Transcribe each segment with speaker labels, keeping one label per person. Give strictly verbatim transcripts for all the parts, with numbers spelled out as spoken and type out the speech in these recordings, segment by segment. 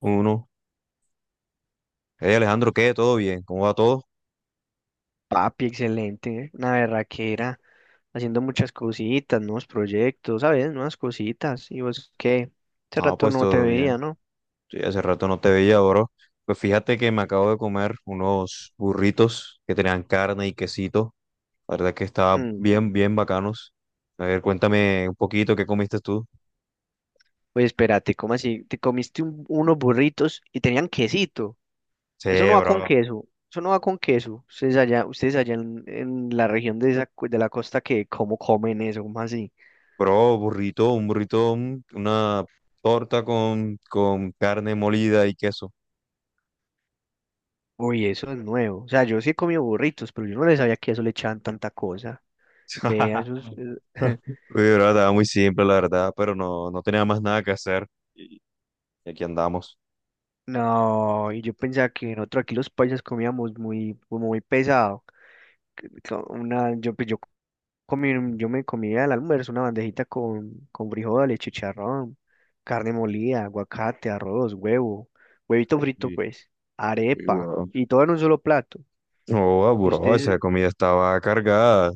Speaker 1: Uno. Hey Alejandro, ¿qué? ¿Todo bien? ¿Cómo va todo?
Speaker 2: Papi, excelente, ¿eh? Una berraquera, haciendo muchas cositas, nuevos proyectos, ¿sabes? Nuevas cositas. ¿Y vos qué? Hace
Speaker 1: Ah,
Speaker 2: rato
Speaker 1: pues
Speaker 2: no te
Speaker 1: todo
Speaker 2: veía,
Speaker 1: bien.
Speaker 2: ¿no?
Speaker 1: Sí, hace rato no te veía, bro. Pues fíjate que me acabo de comer unos burritos que tenían carne y quesito. La verdad que estaba
Speaker 2: Mm.
Speaker 1: bien, bien bacanos. A ver, cuéntame un poquito qué comiste tú.
Speaker 2: Pues espérate, ¿cómo así? Te comiste un- unos burritos y tenían quesito. Eso no
Speaker 1: Sí,
Speaker 2: va con
Speaker 1: bro.
Speaker 2: queso, eso no va con queso. Ustedes allá, ustedes allá en, en la región de, esa, cu- de la costa, que ¿cómo comen eso? ¿Cómo así?
Speaker 1: Bro, burrito, un burrito, un- una torta con, con carne molida y queso.
Speaker 2: Uy, eso es nuevo. O sea, yo sí he comido burritos, pero yo no les sabía que eso le echaban tanta cosa. Vea, eso es...
Speaker 1: Uy, bro, estaba muy simple, la verdad, pero no, no tenía más nada que hacer. Y aquí andamos.
Speaker 2: No, y yo pensaba que nosotros aquí los paisas comíamos muy, como muy pesado. Co- Una, yo, pues, yo comí, yo me comía al almuerzo una bandejita con, con frijoles, chicharrón, carne molida, aguacate, arroz, huevo, huevito frito, pues,
Speaker 1: Y
Speaker 2: arepa,
Speaker 1: guau.
Speaker 2: y todo en un solo plato.
Speaker 1: No,
Speaker 2: Y
Speaker 1: bro, esa
Speaker 2: ustedes
Speaker 1: comida estaba cargada.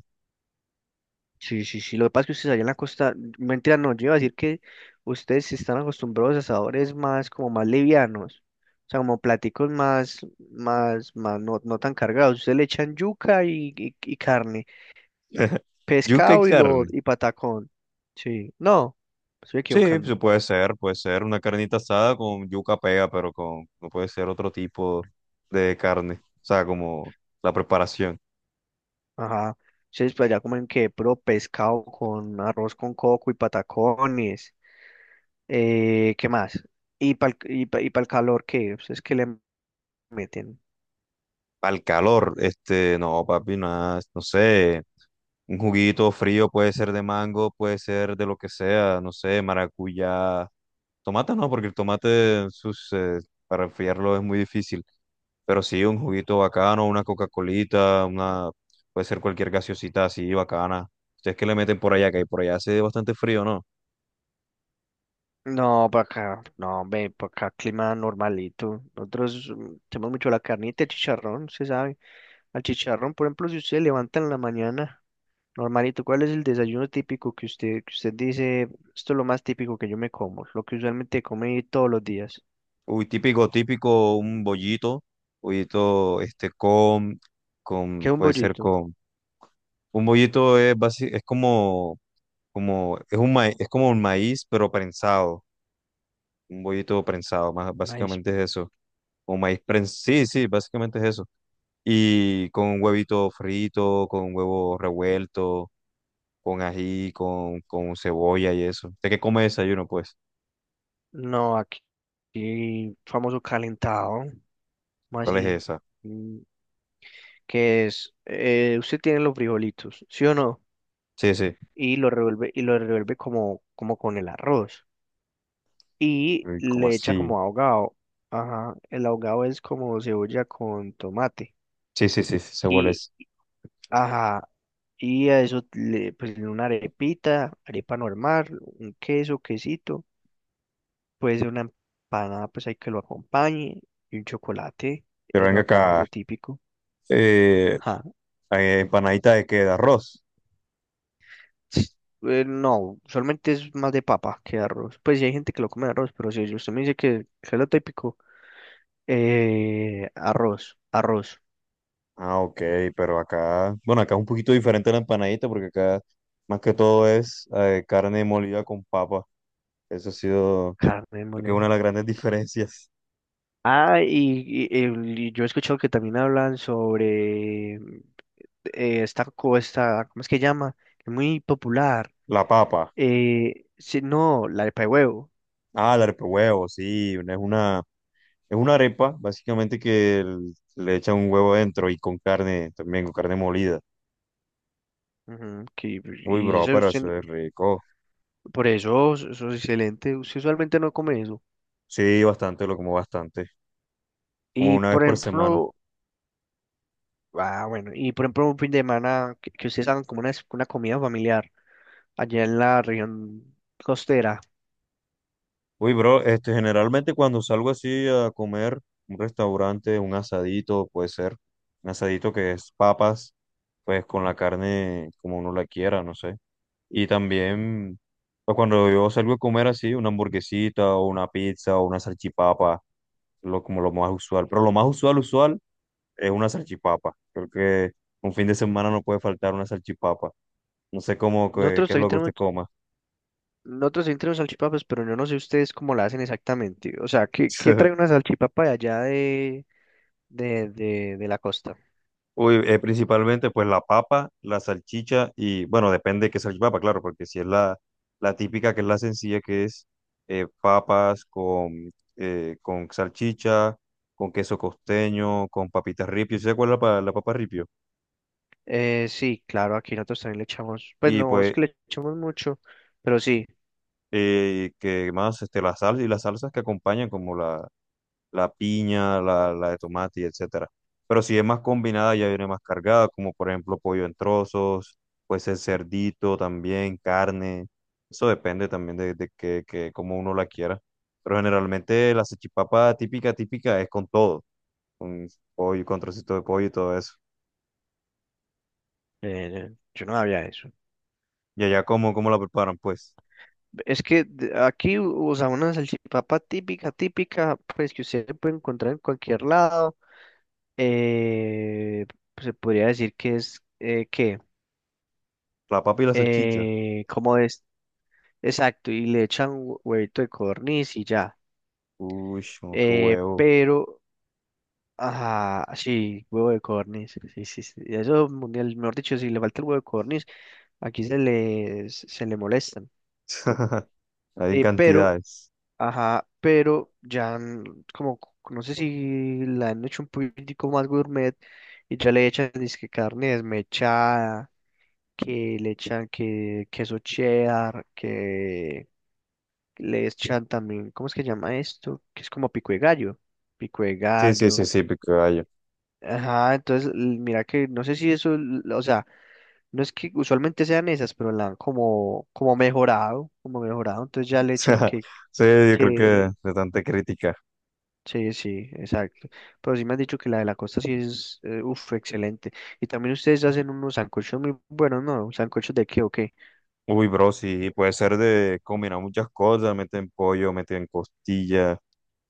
Speaker 2: sí, sí, sí. Lo que pasa es que ustedes allá en la costa, mentira, no, yo iba a decir que ustedes sí están acostumbrados a sabores más, como más livianos, o sea, como platicos más, más, más, no, no tan cargados. Ustedes le echan yuca y, y- y carne,
Speaker 1: Yuca y
Speaker 2: pescado y
Speaker 1: carne.
Speaker 2: lo, y patacón. Sí, no, me estoy
Speaker 1: Sí,
Speaker 2: equivocando.
Speaker 1: pues, puede ser, puede ser una carnita asada con yuca pega, pero con, no puede ser otro tipo de carne. O sea, como la preparación.
Speaker 2: Ajá. Ustedes pues allá comen que puro pescado con arroz con coco y patacones. Eh, ¿qué más? Y para y pa- y el calor, ¿qué? ¿Ustedes qué le meten?
Speaker 1: Al calor, este, no, papi, nada, no sé. Un juguito frío puede ser de mango, puede ser de lo que sea, no sé, maracuyá. Tomate no, porque el tomate sus, eh, para enfriarlo es muy difícil. Pero sí, un juguito bacano, una Coca-Colita, una, puede ser cualquier gaseosita así bacana. Ustedes que le meten por allá, que por allá hace bastante frío, ¿no?
Speaker 2: No, para acá, no, ve, para acá clima normalito. Nosotros mm, tenemos mucho la carnita, el chicharrón, se sabe. Al chicharrón, por ejemplo, si usted se levanta en la mañana, normalito, ¿cuál es el desayuno típico que usted, que usted dice, esto es lo más típico que yo me como, lo que usualmente come todos los días?
Speaker 1: Uy, típico, típico, un bollito, bollito, este, con,
Speaker 2: ¿Qué
Speaker 1: con,
Speaker 2: es un
Speaker 1: puede ser
Speaker 2: bollito?
Speaker 1: con un bollito es, basi- es como, como, es un maíz, es como un maíz, pero prensado. Un bollito prensado, más,
Speaker 2: Maíz.
Speaker 1: básicamente es eso. O maíz prensado. Sí, sí, básicamente es eso. Y con un huevito frito, con huevo revuelto, con ají, con, con cebolla y eso. ¿De qué come desayuno, pues?
Speaker 2: No, aquí, aquí famoso calentado, más
Speaker 1: ¿Cuál es
Speaker 2: así,
Speaker 1: esa?
Speaker 2: mm, que es, eh, usted tiene los frijolitos, ¿sí o no?
Speaker 1: Sí, sí.
Speaker 2: Y lo revuelve, y lo revuelve como, como con el arroz, y
Speaker 1: Uy, ¿cómo
Speaker 2: le echa
Speaker 1: así?
Speaker 2: como ahogado. Ajá, el ahogado es como cebolla con tomate.
Speaker 1: Sí, sí, sí, sí, sé cuál
Speaker 2: Y,
Speaker 1: es.
Speaker 2: ajá, y a eso le pues en una arepita, arepa normal, un queso, quesito, pues una empanada, pues hay que lo acompañe, y un chocolate,
Speaker 1: Pero
Speaker 2: eso
Speaker 1: venga
Speaker 2: acá
Speaker 1: acá.
Speaker 2: lo típico.
Speaker 1: Eh,
Speaker 2: Ajá.
Speaker 1: eh, empanadita de qué, de arroz.
Speaker 2: s- Eh, no, solamente es más de papa que de arroz. Pues sí hay gente que lo come de arroz, pero si usted me dice que, que es lo típico, eh, arroz, arroz,
Speaker 1: Ah, ok, pero acá, bueno, acá es un poquito diferente la empanadita porque acá más que todo es eh, carne molida con papa. Eso ha sido
Speaker 2: carne
Speaker 1: lo que es una
Speaker 2: molida.
Speaker 1: de las grandes diferencias.
Speaker 2: Ah, y, y- em, y yo he escuchado que también hablan sobre mm, eh, esta costa, ¿cómo es que llama? Es muy popular.
Speaker 1: La papa.
Speaker 2: Eh, sí, no, la de pa' huevo.
Speaker 1: Ah, la arepa de huevo, sí, una- es una, es una arepa básicamente que l- le echan un huevo dentro y con carne también, con carne molida.
Speaker 2: Ujú, que,
Speaker 1: Uy,
Speaker 2: y
Speaker 1: bro,
Speaker 2: eso
Speaker 1: pero
Speaker 2: usted,
Speaker 1: eso es rico.
Speaker 2: por eso, eso es excelente. Usted usualmente no come eso.
Speaker 1: Sí, bastante, lo como bastante, como
Speaker 2: Y
Speaker 1: una vez
Speaker 2: por
Speaker 1: por semana.
Speaker 2: ejemplo, ah, bueno, y por ejemplo, un fin de semana que, que ustedes hagan como una, una comida familiar allá en la región costera.
Speaker 1: Uy, bro, este, generalmente cuando salgo así a comer, un restaurante, un asadito, puede ser, un asadito que es papas, pues con la carne como uno la quiera, no sé. Y también, pues cuando yo salgo a comer así, una hamburguesita o una pizza o una salchipapa, lo, como lo más usual. Pero lo más usual, usual, es una salchipapa. Creo que un fin de semana no puede faltar una salchipapa. No sé cómo, que-
Speaker 2: Nosotros
Speaker 1: qué, es
Speaker 2: también
Speaker 1: lo que usted
Speaker 2: tenemos,
Speaker 1: coma.
Speaker 2: nosotros sí tenemos salchipapas, pero yo no sé ustedes cómo la hacen exactamente. O sea, ¿qué, qué trae una salchipapa de allá de, de, de, de la costa?
Speaker 1: Uy, eh, principalmente pues la papa, la salchicha y bueno, depende de qué salchipapa, claro, porque si es la, la típica, que es la sencilla, que es eh, papas con, eh, con salchicha, con queso costeño, con papitas ripio, ¿sí se acuerda la, la papa ripio?
Speaker 2: Eh, sí, claro, aquí nosotros también le echamos, pues
Speaker 1: Y
Speaker 2: no es
Speaker 1: pues
Speaker 2: que le echamos mucho, pero sí,
Speaker 1: eh, que más este, la sal y las salsas que acompañan como la, la piña, la, la de tomate y etcétera. Pero si es más combinada, ya viene más cargada, como por ejemplo pollo en trozos, pues el cerdito también, carne. Eso depende también de, de que, que cómo uno la quiera. Pero generalmente la salchipapa típica, típica es con todo, con pollo, con trocito de pollo y todo eso.
Speaker 2: eh, yo no había eso.
Speaker 1: Y allá cómo, cómo la preparan, pues,
Speaker 2: Es que de- aquí, o sea, una salchipapa típica, típica, pues que usted puede encontrar en cualquier lado, eh, pues se podría decir que es, eh, ¿qué?
Speaker 1: la papa y la salchicha.
Speaker 2: Eh, ¿cómo es? Exacto, y le echan hue- huevito de codorniz y ya.
Speaker 1: Uy, no, qué
Speaker 2: Eh,
Speaker 1: huevo.
Speaker 2: pero, ah, sí, huevo de codorniz. Sí, sí, sí. Eso, mundial, mejor dicho, si le falta el huevo de codorniz, aquí se le, se le molestan.
Speaker 1: Hay en
Speaker 2: Eh, pero,
Speaker 1: cantidades.
Speaker 2: ajá, pero ya, mm, como, c- no sé si la han hecho un poquitico más gourmet y ya le echan, dizque carne desmechada, que le echan que queso cheddar, que le echan también, ¿cómo es que llama esto? Que es como pico de gallo, pico de
Speaker 1: Sí, sí,
Speaker 2: gallo.
Speaker 1: sí, sí, pico de gallo.
Speaker 2: Ajá, entonces l- mira que no sé si eso, l- o sea, no es que usualmente sean esas, pero la han como, como mejorado, como mejorado, entonces ya le
Speaker 1: O
Speaker 2: echan
Speaker 1: sea,
Speaker 2: que,
Speaker 1: sí, yo creo que
Speaker 2: que,
Speaker 1: de tanta crítica.
Speaker 2: sí, sí, exacto. Pero sí me han dicho que la de la costa sí es, eh, uf, excelente. Y también ustedes hacen unos sancochos muy buenos, ¿no? ¿Sancochos de qué o qué?
Speaker 1: Uy, bro, sí, puede ser de combinar muchas cosas, meten pollo, meten costilla,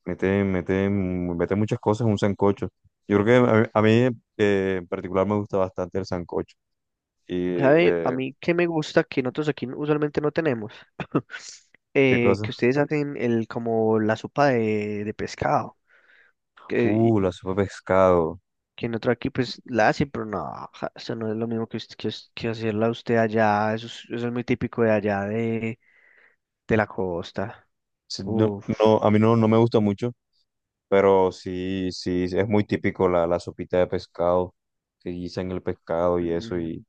Speaker 1: meten, meten, meten muchas cosas en un sancocho. Yo creo que a mí, a mí, eh, en particular me gusta bastante el sancocho. Y,
Speaker 2: ¿Sabe? A
Speaker 1: eh,
Speaker 2: mí que me gusta que nosotros aquí usualmente no tenemos,
Speaker 1: ¿qué
Speaker 2: eh,
Speaker 1: cosa?
Speaker 2: que ustedes hacen el como la sopa de, de pescado, que,
Speaker 1: Uh, la sopa de pescado.
Speaker 2: que nosotros aquí pues la hacen, pero no, ja, eso no es lo mismo que, us- que, us- que hacerla usted allá, eso es, eso es muy típico de allá de, de la costa.
Speaker 1: Sí, no,
Speaker 2: Uf,
Speaker 1: no, a mí no, no me gusta mucho. Pero sí, sí, es muy típico la, la sopita de pescado, que guisan el pescado y eso,
Speaker 2: mm,
Speaker 1: y,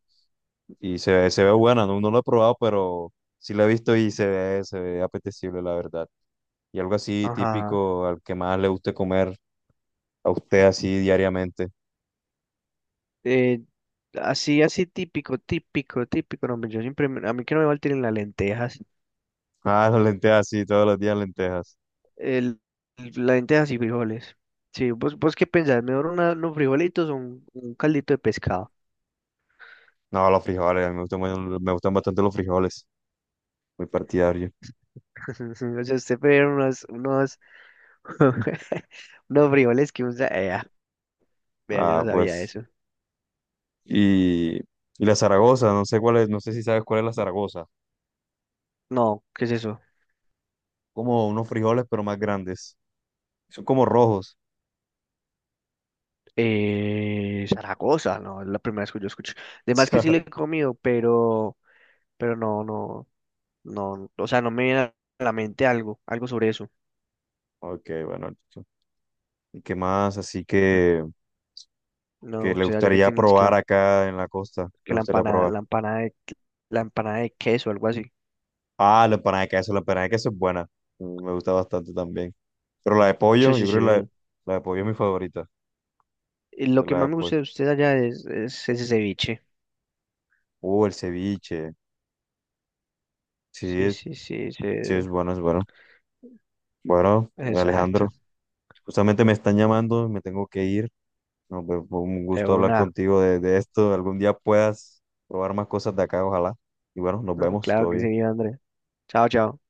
Speaker 1: y se ve, se ve buena, no, no lo he probado, pero sí la he visto y se ve, se ve apetecible, la verdad. Y algo así
Speaker 2: ajá.
Speaker 1: típico al que más le guste comer a usted así diariamente.
Speaker 2: Eh, Así, así típico, típico, típico, no, hombre, yo siempre, me- a mí que no me falten las lentejas.
Speaker 1: Ah, las lentejas, sí, todos los días lentejas.
Speaker 2: El, lentejas y frijoles. Sí, vos, vos qué pensás, mejor una- unos frijolitos o un, un caldito de pescado.
Speaker 1: No, los frijoles, a mí me gustan, mu- me gustan bastante los frijoles, muy partidario.
Speaker 2: O sea, usted puede unos, unos, unos frijoles que usa. Eh, ah, vea, yo
Speaker 1: Ah,
Speaker 2: no sabía
Speaker 1: pues,
Speaker 2: eso.
Speaker 1: y, y la Zaragoza, no sé cuál es, no sé si sabes cuál es la Zaragoza.
Speaker 2: No, ¿qué es eso?
Speaker 1: Como unos frijoles, pero más grandes. Son como rojos.
Speaker 2: Eh, Zaragoza, no, es la primera vez que yo escucho. Además que sí le he comido, pero, pero no, no, no, o sea, no me viene a la mente algo, algo sobre eso.
Speaker 1: Ok, bueno, listo. ¿Y qué más? Así
Speaker 2: Ujú.
Speaker 1: que, que
Speaker 2: No, o
Speaker 1: le
Speaker 2: sea, ya que
Speaker 1: gustaría
Speaker 2: tienen es que la,
Speaker 1: probar acá en la costa.
Speaker 2: que
Speaker 1: Le
Speaker 2: la
Speaker 1: gustaría
Speaker 2: empanada,
Speaker 1: probar.
Speaker 2: la empanada de, la empanada de queso, algo así.
Speaker 1: Ah, la empanada de queso. La empanada de queso es buena. Mm, me gusta bastante también. Pero la de
Speaker 2: Sí,
Speaker 1: pollo, yo
Speaker 2: sí,
Speaker 1: creo que la, de-
Speaker 2: sí.
Speaker 1: la de pollo es mi favorita.
Speaker 2: Y lo
Speaker 1: De
Speaker 2: que
Speaker 1: la de
Speaker 2: más me gusta
Speaker 1: pollo.
Speaker 2: de usted allá es, es ese ceviche.
Speaker 1: Uh, el ceviche. Sí,
Speaker 2: Sí,
Speaker 1: es-
Speaker 2: sí, sí, sí.
Speaker 1: sí, es bueno, es bueno. Bueno,
Speaker 2: Exacto.
Speaker 1: Alejandro, justamente me están llamando, me tengo que ir. No, pues, fue un
Speaker 2: De
Speaker 1: gusto hablar
Speaker 2: una.
Speaker 1: contigo de, de esto. Algún día puedas probar más cosas de acá, ojalá. Y bueno, nos vemos,
Speaker 2: Claro
Speaker 1: todo
Speaker 2: que
Speaker 1: bien.
Speaker 2: sí, Andrés. Chao, chao.